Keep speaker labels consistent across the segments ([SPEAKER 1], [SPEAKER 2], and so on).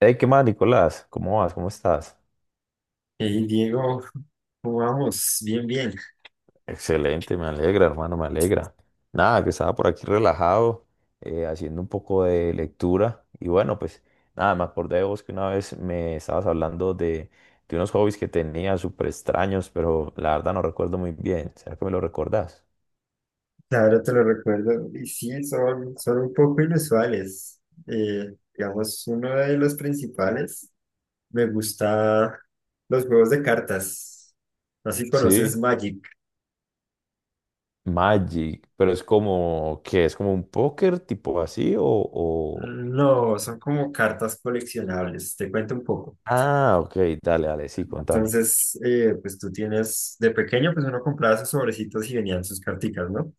[SPEAKER 1] Hey, ¿qué más, Nicolás? ¿Cómo vas? ¿Cómo estás?
[SPEAKER 2] Hey Diego, ¿cómo vamos? Bien, bien.
[SPEAKER 1] Excelente, me alegra, hermano, me alegra. Nada, que estaba por aquí relajado, haciendo un poco de lectura. Y bueno, pues nada, me acordé de vos que una vez me estabas hablando de unos hobbies que tenía súper extraños, pero la verdad no recuerdo muy bien. ¿Será que me lo recordás?
[SPEAKER 2] Ahora te lo recuerdo. Y sí, son un poco inusuales. Digamos, uno de los principales, me gusta los juegos de cartas. No sé si
[SPEAKER 1] Sí,
[SPEAKER 2] conoces Magic.
[SPEAKER 1] Magic, pero es como, ¿qué? ¿Es como un póker tipo así o...
[SPEAKER 2] No, son como cartas coleccionables. Te cuento un poco.
[SPEAKER 1] Ah, ok, dale, dale, sí, contame.
[SPEAKER 2] Entonces, pues tú tienes, de pequeño, pues uno compraba sus sobrecitos y venían sus carticas, ¿no?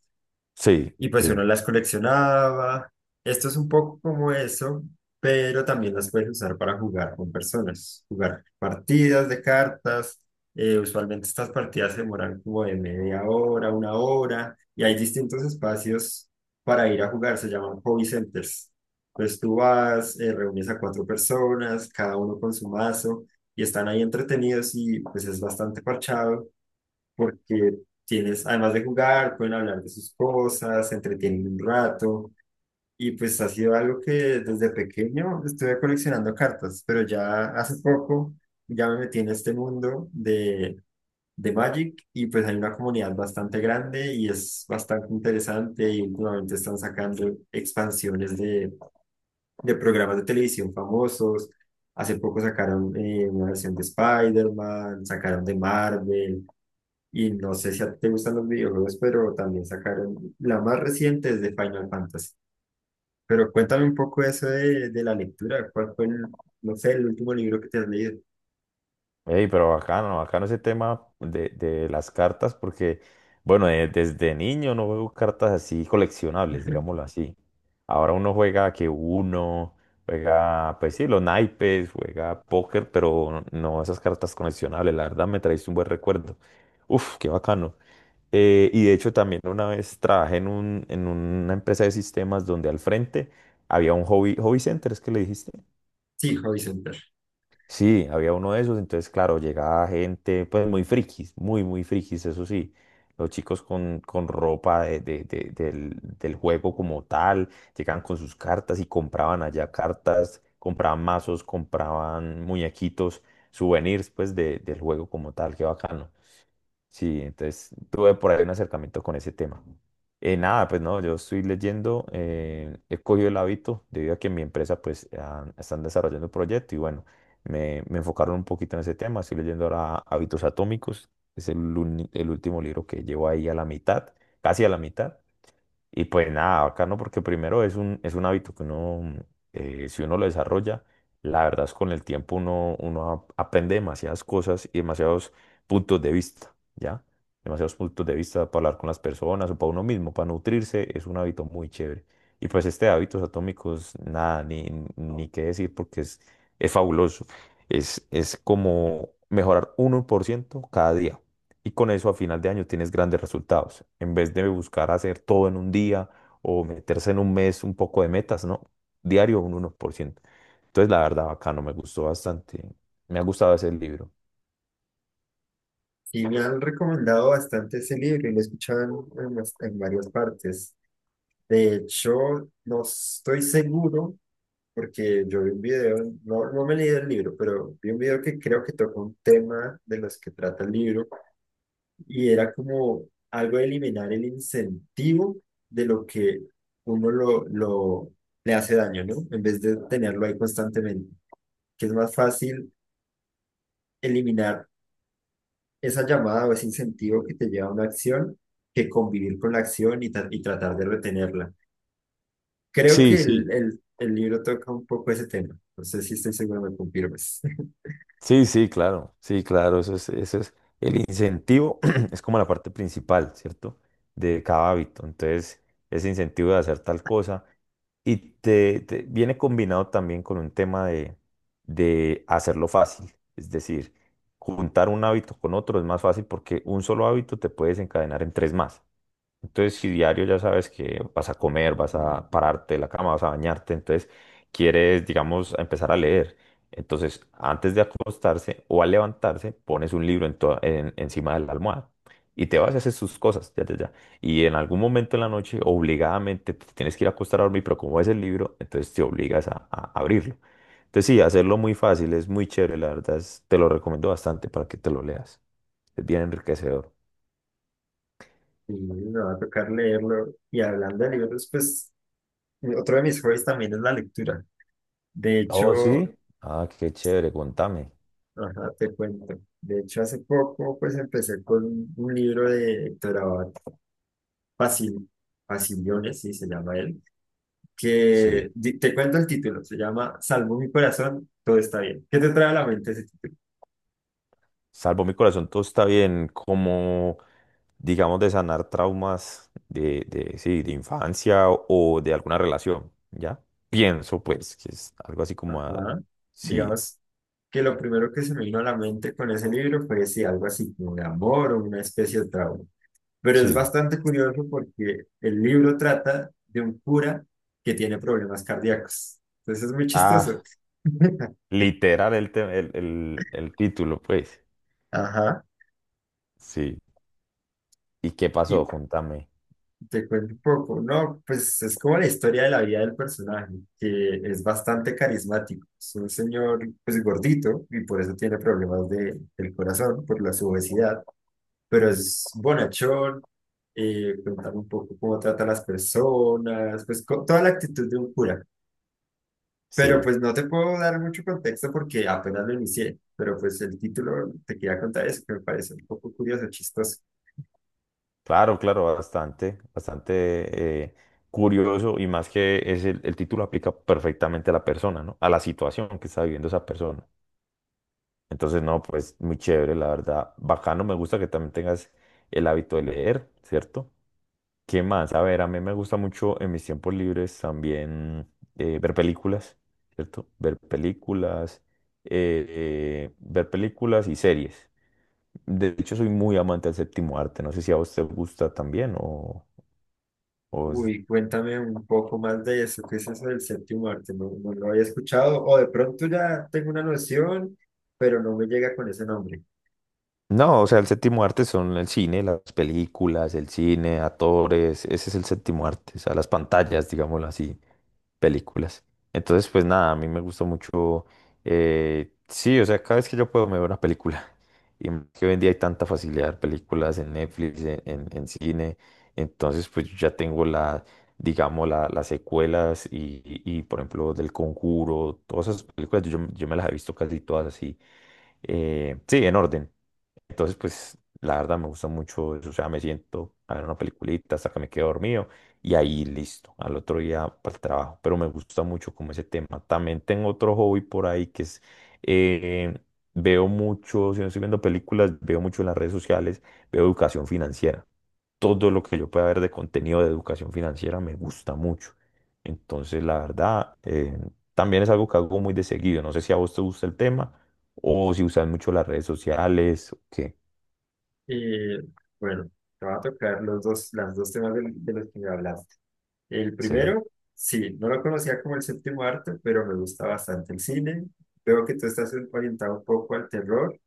[SPEAKER 1] Sí,
[SPEAKER 2] Y pues uno
[SPEAKER 1] sí.
[SPEAKER 2] las coleccionaba. Esto es un poco como eso, pero también las puedes usar para jugar con personas, jugar partidas de cartas. Usualmente estas partidas se demoran como de media hora, 1 hora, y hay distintos espacios para ir a jugar, se llaman hobby centers. Entonces tú vas, reúnes a cuatro personas, cada uno con su mazo, y están ahí entretenidos, y pues es bastante parchado porque tienes, además de jugar, pueden hablar de sus cosas, se entretienen un rato. Y pues ha sido algo que desde pequeño estuve coleccionando cartas, pero ya hace poco ya me metí en este mundo de Magic, y pues hay una comunidad bastante grande y es bastante interesante, y últimamente están sacando expansiones de programas de televisión famosos. Hace poco sacaron una versión de Spider-Man, sacaron de Marvel, y no sé si a ti te gustan los videojuegos, pero también sacaron, la más reciente es de Final Fantasy. Pero cuéntame un poco eso de la lectura. ¿Cuál fue el, no sé, el último libro que te has leído?
[SPEAKER 1] Ey, pero bacano, bacano ese tema de las cartas, porque, bueno, desde niño no juego cartas así coleccionables, digámoslo así. Ahora uno juega, pues sí, los naipes, juega póker, pero no esas cartas coleccionables. La verdad me traíste un buen recuerdo. Uf, qué bacano. Y de hecho también una vez trabajé en una empresa de sistemas donde al frente había un hobby center, es que le dijiste.
[SPEAKER 2] Sí, Hobby Center.
[SPEAKER 1] Sí, había uno de esos, entonces claro, llegaba gente pues muy frikis, muy, muy frikis, eso sí. Los chicos con ropa del juego como tal, llegaban con sus cartas y compraban allá cartas, compraban mazos, compraban muñequitos, souvenirs pues del juego como tal, qué bacano. Sí, entonces tuve por ahí un acercamiento con ese tema. Nada, pues no, yo estoy leyendo, he cogido el hábito debido a que en mi empresa están desarrollando un proyecto y bueno, me enfocaron un poquito en ese tema. Estoy leyendo ahora Hábitos Atómicos, es el último libro que llevo ahí a la mitad, casi a la mitad. Y pues nada, bacano, porque primero es un hábito que uno, si uno lo desarrolla, la verdad es con el tiempo aprende demasiadas cosas y demasiados puntos de vista, ¿ya? Demasiados puntos de vista para hablar con las personas o para uno mismo, para nutrirse, es un hábito muy chévere. Y pues este de hábitos atómicos, nada, ni qué decir, porque es fabuloso. Es como mejorar 1% cada día y con eso a final de año tienes grandes resultados, en vez de buscar hacer todo en un día o meterse en un mes un poco de metas, ¿no? Diario un 1%. Entonces, la verdad, bacano, me gustó bastante. Me ha gustado ese libro.
[SPEAKER 2] Y me han recomendado bastante ese libro y lo he escuchado en, en varias partes. De hecho, no estoy seguro porque yo vi un video, no, no me leí el libro, pero vi un video que creo que toca un tema de los que trata el libro, y era como algo de eliminar el incentivo de lo que uno lo le hace daño, ¿no? En vez de tenerlo ahí constantemente, que es más fácil eliminar esa llamada o ese incentivo que te lleva a una acción, que convivir con la acción y, y tratar de retenerla. Creo
[SPEAKER 1] Sí,
[SPEAKER 2] que
[SPEAKER 1] sí,
[SPEAKER 2] el libro toca un poco ese tema. No sé si estoy seguro, me confirmes.
[SPEAKER 1] sí, sí, claro, sí, claro, eso es el incentivo, es como la parte principal, ¿cierto? De cada hábito. Entonces, ese incentivo de hacer tal cosa. Viene combinado también con un tema de hacerlo fácil. Es decir, juntar un hábito con otro es más fácil porque un solo hábito te puede desencadenar en tres más. Entonces, si diario ya sabes que vas a comer, vas a pararte de la cama, vas a bañarte, entonces quieres, digamos, empezar a leer. Entonces, antes de acostarse o al levantarse, pones un libro encima de la almohada y te vas a hacer sus cosas, ya, ya, ya. Y en algún momento en la noche, obligadamente, te tienes que ir a acostar a dormir, pero como ves el libro, entonces te obligas a abrirlo. Entonces, sí, hacerlo muy fácil, es muy chévere, la verdad, te lo recomiendo bastante para que te lo leas. Es bien enriquecedor.
[SPEAKER 2] Y me va a tocar leerlo. Y hablando de libros, pues otro de mis hobbies también es la lectura. De
[SPEAKER 1] Oh, sí.
[SPEAKER 2] hecho,
[SPEAKER 1] Ah, qué chévere, contame.
[SPEAKER 2] ajá, te cuento. De hecho, hace poco pues empecé con un libro de Héctor Abad Pasil, Pasiliones, sí se llama él,
[SPEAKER 1] Sí,
[SPEAKER 2] que di- te cuento el título, se llama Salvo mi corazón, todo está bien. ¿Qué te trae a la mente ese título?
[SPEAKER 1] salvo mi corazón, todo está bien, como digamos de sanar traumas de, sí, de infancia o de alguna relación, ¿ya? Pienso pues que es algo así como, ah,
[SPEAKER 2] Ajá.
[SPEAKER 1] sí.
[SPEAKER 2] Digamos que lo primero que se me vino a la mente con ese libro fue sí, algo así como de amor o una especie de trauma. Pero es
[SPEAKER 1] Sí.
[SPEAKER 2] bastante curioso porque el libro trata de un cura que tiene problemas cardíacos. Entonces es muy chistoso.
[SPEAKER 1] Ah, literal el, te- el título, pues,
[SPEAKER 2] Ajá,
[SPEAKER 1] sí. ¿Y qué
[SPEAKER 2] y
[SPEAKER 1] pasó? Contame.
[SPEAKER 2] te cuento un poco, ¿no? Pues es como la historia de la vida del personaje, que es bastante carismático. Es un señor, pues gordito, y por eso tiene problemas de, del corazón, por la su obesidad, pero es bonachón, contar un poco cómo trata a las personas, pues con toda la actitud de un cura. Pero
[SPEAKER 1] Sí,
[SPEAKER 2] pues no te puedo dar mucho contexto porque apenas lo inicié, pero pues el título te quería contar eso, que me parece un poco curioso, chistoso.
[SPEAKER 1] claro, claro, bastante, bastante curioso y más que es el título aplica perfectamente a la persona, ¿no? A la situación que está viviendo esa persona. Entonces, no, pues muy chévere, la verdad. Bacano, me gusta que también tengas el hábito de leer, ¿cierto? ¿Qué más? A ver, a mí me gusta mucho en mis tiempos libres también ver películas, ¿cierto? Ver películas y series. De hecho, soy muy amante del séptimo arte. No sé si a vos te gusta también o es-
[SPEAKER 2] Uy, cuéntame un poco más de eso. ¿Qué es eso del séptimo arte? No, no lo había escuchado, o de pronto ya tengo una noción, pero no me llega con ese nombre.
[SPEAKER 1] No, o sea, el séptimo arte son el cine, las películas, el cine, actores. Ese es el séptimo arte, o sea, las pantallas, digámoslo así. Películas. Entonces, pues nada, a mí me gusta mucho, sí, o sea, cada vez que yo puedo me veo una película. Y más que hoy en día hay tanta facilidad de ver películas en Netflix, en cine, entonces pues yo ya tengo la, digamos, las secuelas y, por ejemplo, del Conjuro, todas esas películas, yo me las he visto casi todas así, sí, en orden. Entonces, pues, la verdad me gusta mucho eso. O sea, me siento a ver una peliculita hasta que me quedo dormido y ahí listo, al otro día para el trabajo. Pero me gusta mucho como ese tema. También tengo otro hobby por ahí que es, eh, veo mucho, si no estoy viendo películas, veo mucho en las redes sociales, veo educación financiera. Todo lo que yo pueda ver de contenido de educación financiera me gusta mucho. Entonces, la verdad, también es algo que hago muy de seguido. No sé si a vos te gusta el tema o si usas mucho las redes sociales o qué.
[SPEAKER 2] Y bueno, te va a tocar los dos, las dos temas del- de, los que me hablaste. El
[SPEAKER 1] Sí.
[SPEAKER 2] primero, sí, no lo conocía como el séptimo arte, pero me gusta bastante el cine. Veo que tú estás orientado un poco al terror.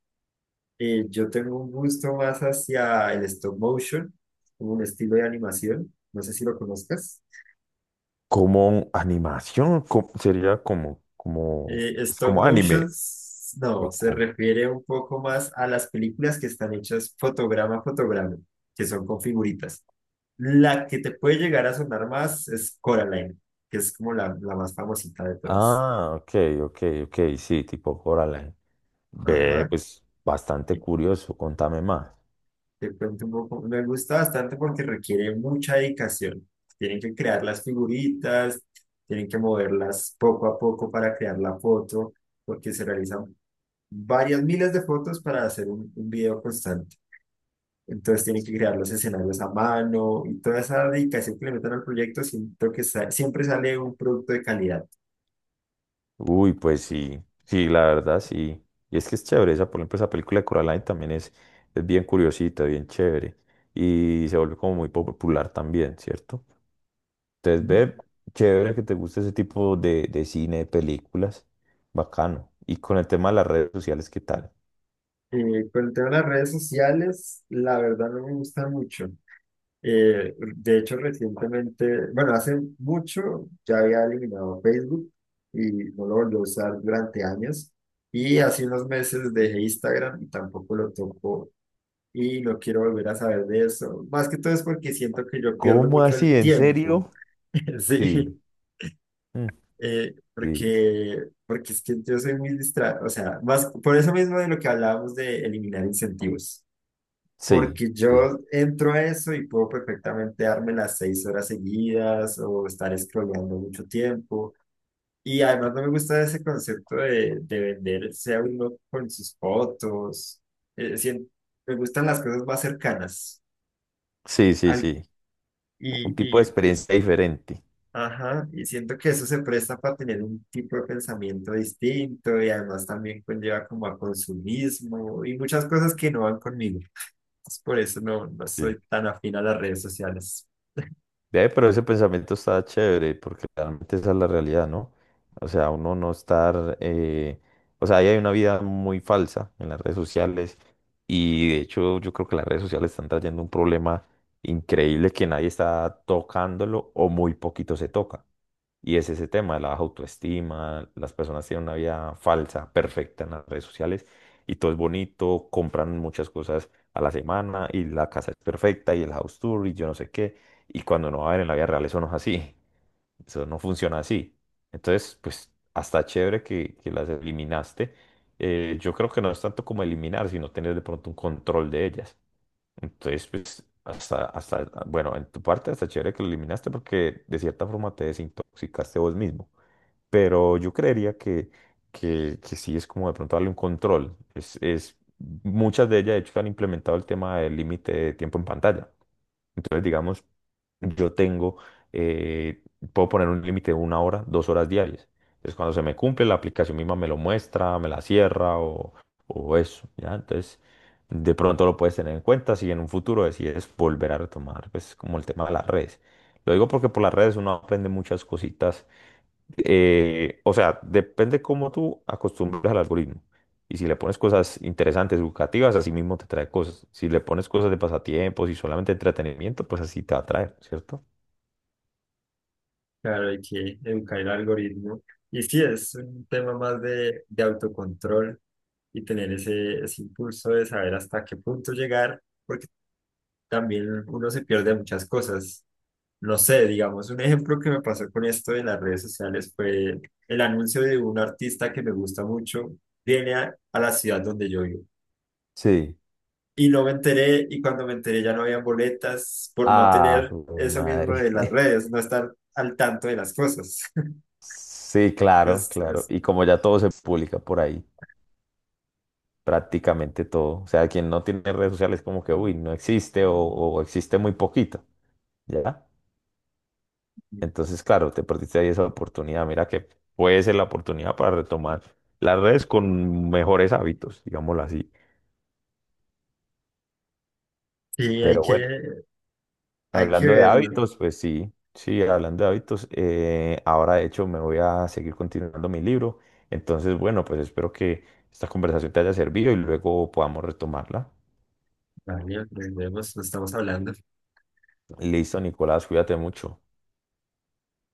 [SPEAKER 2] Yo tengo un gusto más hacia el stop motion, como un estilo de animación. No sé si lo conozcas.
[SPEAKER 1] Como animación, sería como, es
[SPEAKER 2] Stop
[SPEAKER 1] como anime.
[SPEAKER 2] motions, no,
[SPEAKER 1] O
[SPEAKER 2] se
[SPEAKER 1] como.
[SPEAKER 2] refiere un poco más a las películas que están hechas fotograma a fotograma, que son con figuritas. La que te puede llegar a sonar más es Coraline, que es como la más famosita de todas.
[SPEAKER 1] Ah, ok, ok, ok, sí, tipo Coraline. Ve,
[SPEAKER 2] Ajá,
[SPEAKER 1] pues bastante
[SPEAKER 2] y
[SPEAKER 1] curioso, contame más.
[SPEAKER 2] te cuento un poco, me gusta bastante porque requiere mucha dedicación. Tienen que crear las figuritas, tienen que moverlas poco a poco para crear la foto, porque se realizan varias miles de fotos para hacer un video constante. Entonces tienen que crear los escenarios a mano, y toda esa dedicación que le meten al proyecto, siento que siempre sale un producto de calidad.
[SPEAKER 1] Uy, pues sí, sí, la verdad, sí. Y es que es chévere, esa, por ejemplo, esa película de Coraline también es bien curiosita, bien chévere. Y se volvió como muy popular también, ¿cierto? Entonces,
[SPEAKER 2] Ujú.
[SPEAKER 1] ve, chévere que te guste ese tipo de cine, de películas. Bacano. Y con el tema de las redes sociales, ¿qué tal?
[SPEAKER 2] Con el tema de las redes sociales, la verdad no me gusta mucho. De hecho, recientemente, bueno, hace mucho ya había eliminado Facebook y no lo volví a usar durante años. Y hace unos meses dejé Instagram y tampoco lo toco y no quiero volver a saber de eso. Más que todo es porque siento que yo pierdo
[SPEAKER 1] ¿Cómo
[SPEAKER 2] mucho
[SPEAKER 1] así?
[SPEAKER 2] el
[SPEAKER 1] ¿En
[SPEAKER 2] tiempo.
[SPEAKER 1] serio? Sí.
[SPEAKER 2] Sí.
[SPEAKER 1] Mm, sí.
[SPEAKER 2] Porque, es que yo soy muy distraído, o sea, más, por eso mismo de lo que hablábamos de eliminar incentivos,
[SPEAKER 1] Sí.
[SPEAKER 2] porque
[SPEAKER 1] Sí.
[SPEAKER 2] yo entro a eso y puedo perfectamente darme las 6 horas seguidas o estar scrolleando mucho tiempo. Y además no me gusta ese concepto de venderse a uno con sus fotos. Eh, sien- Me gustan las cosas más cercanas.
[SPEAKER 1] Sí, sí,
[SPEAKER 2] Al-
[SPEAKER 1] sí. Un tipo de
[SPEAKER 2] y,
[SPEAKER 1] experiencia diferente.
[SPEAKER 2] ajá, y siento que eso se presta para tener un tipo de pensamiento distinto, y además también conlleva como a consumismo y muchas cosas que no van conmigo. Entonces, por eso no, no
[SPEAKER 1] Sí.
[SPEAKER 2] soy tan afín a las redes sociales.
[SPEAKER 1] Ve, pero ese pensamiento está chévere, porque realmente esa es la realidad, ¿no? O sea, uno no estar, o sea, ahí hay una vida muy falsa en las redes sociales y de hecho yo creo que las redes sociales están trayendo un problema increíble que nadie está tocándolo o muy poquito se toca. Y es ese tema, de la baja autoestima, las personas tienen una vida falsa, perfecta en las redes sociales y todo es bonito, compran muchas cosas a la semana y la casa es perfecta y el house tour y yo no sé qué. Y cuando uno va a ver en la vida real, eso no es así, eso no funciona así. Entonces, pues hasta chévere que las eliminaste. Yo creo que no es tanto como eliminar, sino tener de pronto un control de ellas. Entonces, pues, bueno, en tu parte hasta chévere que lo eliminaste porque de cierta forma te desintoxicaste vos mismo. Pero yo creería que sí es como de pronto darle un control. Muchas de ellas, de hecho, han implementado el tema del límite de tiempo en pantalla. Entonces, digamos, yo tengo, eh, puedo poner un límite de 1 hora, 2 horas diarias. Entonces, cuando se me cumple, la aplicación misma me lo muestra, me la cierra o eso, ¿ya? Entonces, de pronto lo puedes tener en cuenta si en un futuro decides volver a retomar, pues, como el tema de las redes. Lo digo porque por las redes uno aprende muchas cositas, o sea, depende cómo tú acostumbras al algoritmo. Y si le pones cosas interesantes, educativas, así mismo te trae cosas. Si le pones cosas de pasatiempos y solamente entretenimiento, pues así te va a traer, ¿cierto?
[SPEAKER 2] Claro, hay que educar el algoritmo. Y sí, es un tema más de autocontrol y tener ese impulso de saber hasta qué punto llegar, porque también uno se pierde muchas cosas. No sé, digamos, un ejemplo que me pasó con esto de las redes sociales fue el anuncio de un artista que me gusta mucho, viene a la ciudad donde yo vivo.
[SPEAKER 1] Sí.
[SPEAKER 2] Y no me enteré, y cuando me enteré ya no había boletas por no
[SPEAKER 1] Ah,
[SPEAKER 2] tener
[SPEAKER 1] de
[SPEAKER 2] eso mismo
[SPEAKER 1] madre.
[SPEAKER 2] de las redes, no estar al tanto de las cosas.
[SPEAKER 1] Sí, claro,
[SPEAKER 2] Es,
[SPEAKER 1] claro.
[SPEAKER 2] es-
[SPEAKER 1] Y como ya todo se publica por ahí, prácticamente todo. O sea, quien no tiene redes sociales como que, uy, no existe o existe muy poquito, ¿ya? Entonces, claro, te perdiste ahí esa oportunidad. Mira que puede ser la oportunidad para retomar las redes con mejores hábitos, digámoslo así.
[SPEAKER 2] sí,
[SPEAKER 1] Pero bueno,
[SPEAKER 2] hay que
[SPEAKER 1] hablando de
[SPEAKER 2] verlo.
[SPEAKER 1] hábitos, pues sí, sí, hablando de hábitos, ahora de hecho me voy a seguir continuando mi libro. Entonces, bueno, pues espero que esta conversación te haya servido y luego podamos retomarla.
[SPEAKER 2] Vale, nos vemos, nos estamos hablando.
[SPEAKER 1] Listo, Nicolás, cuídate mucho.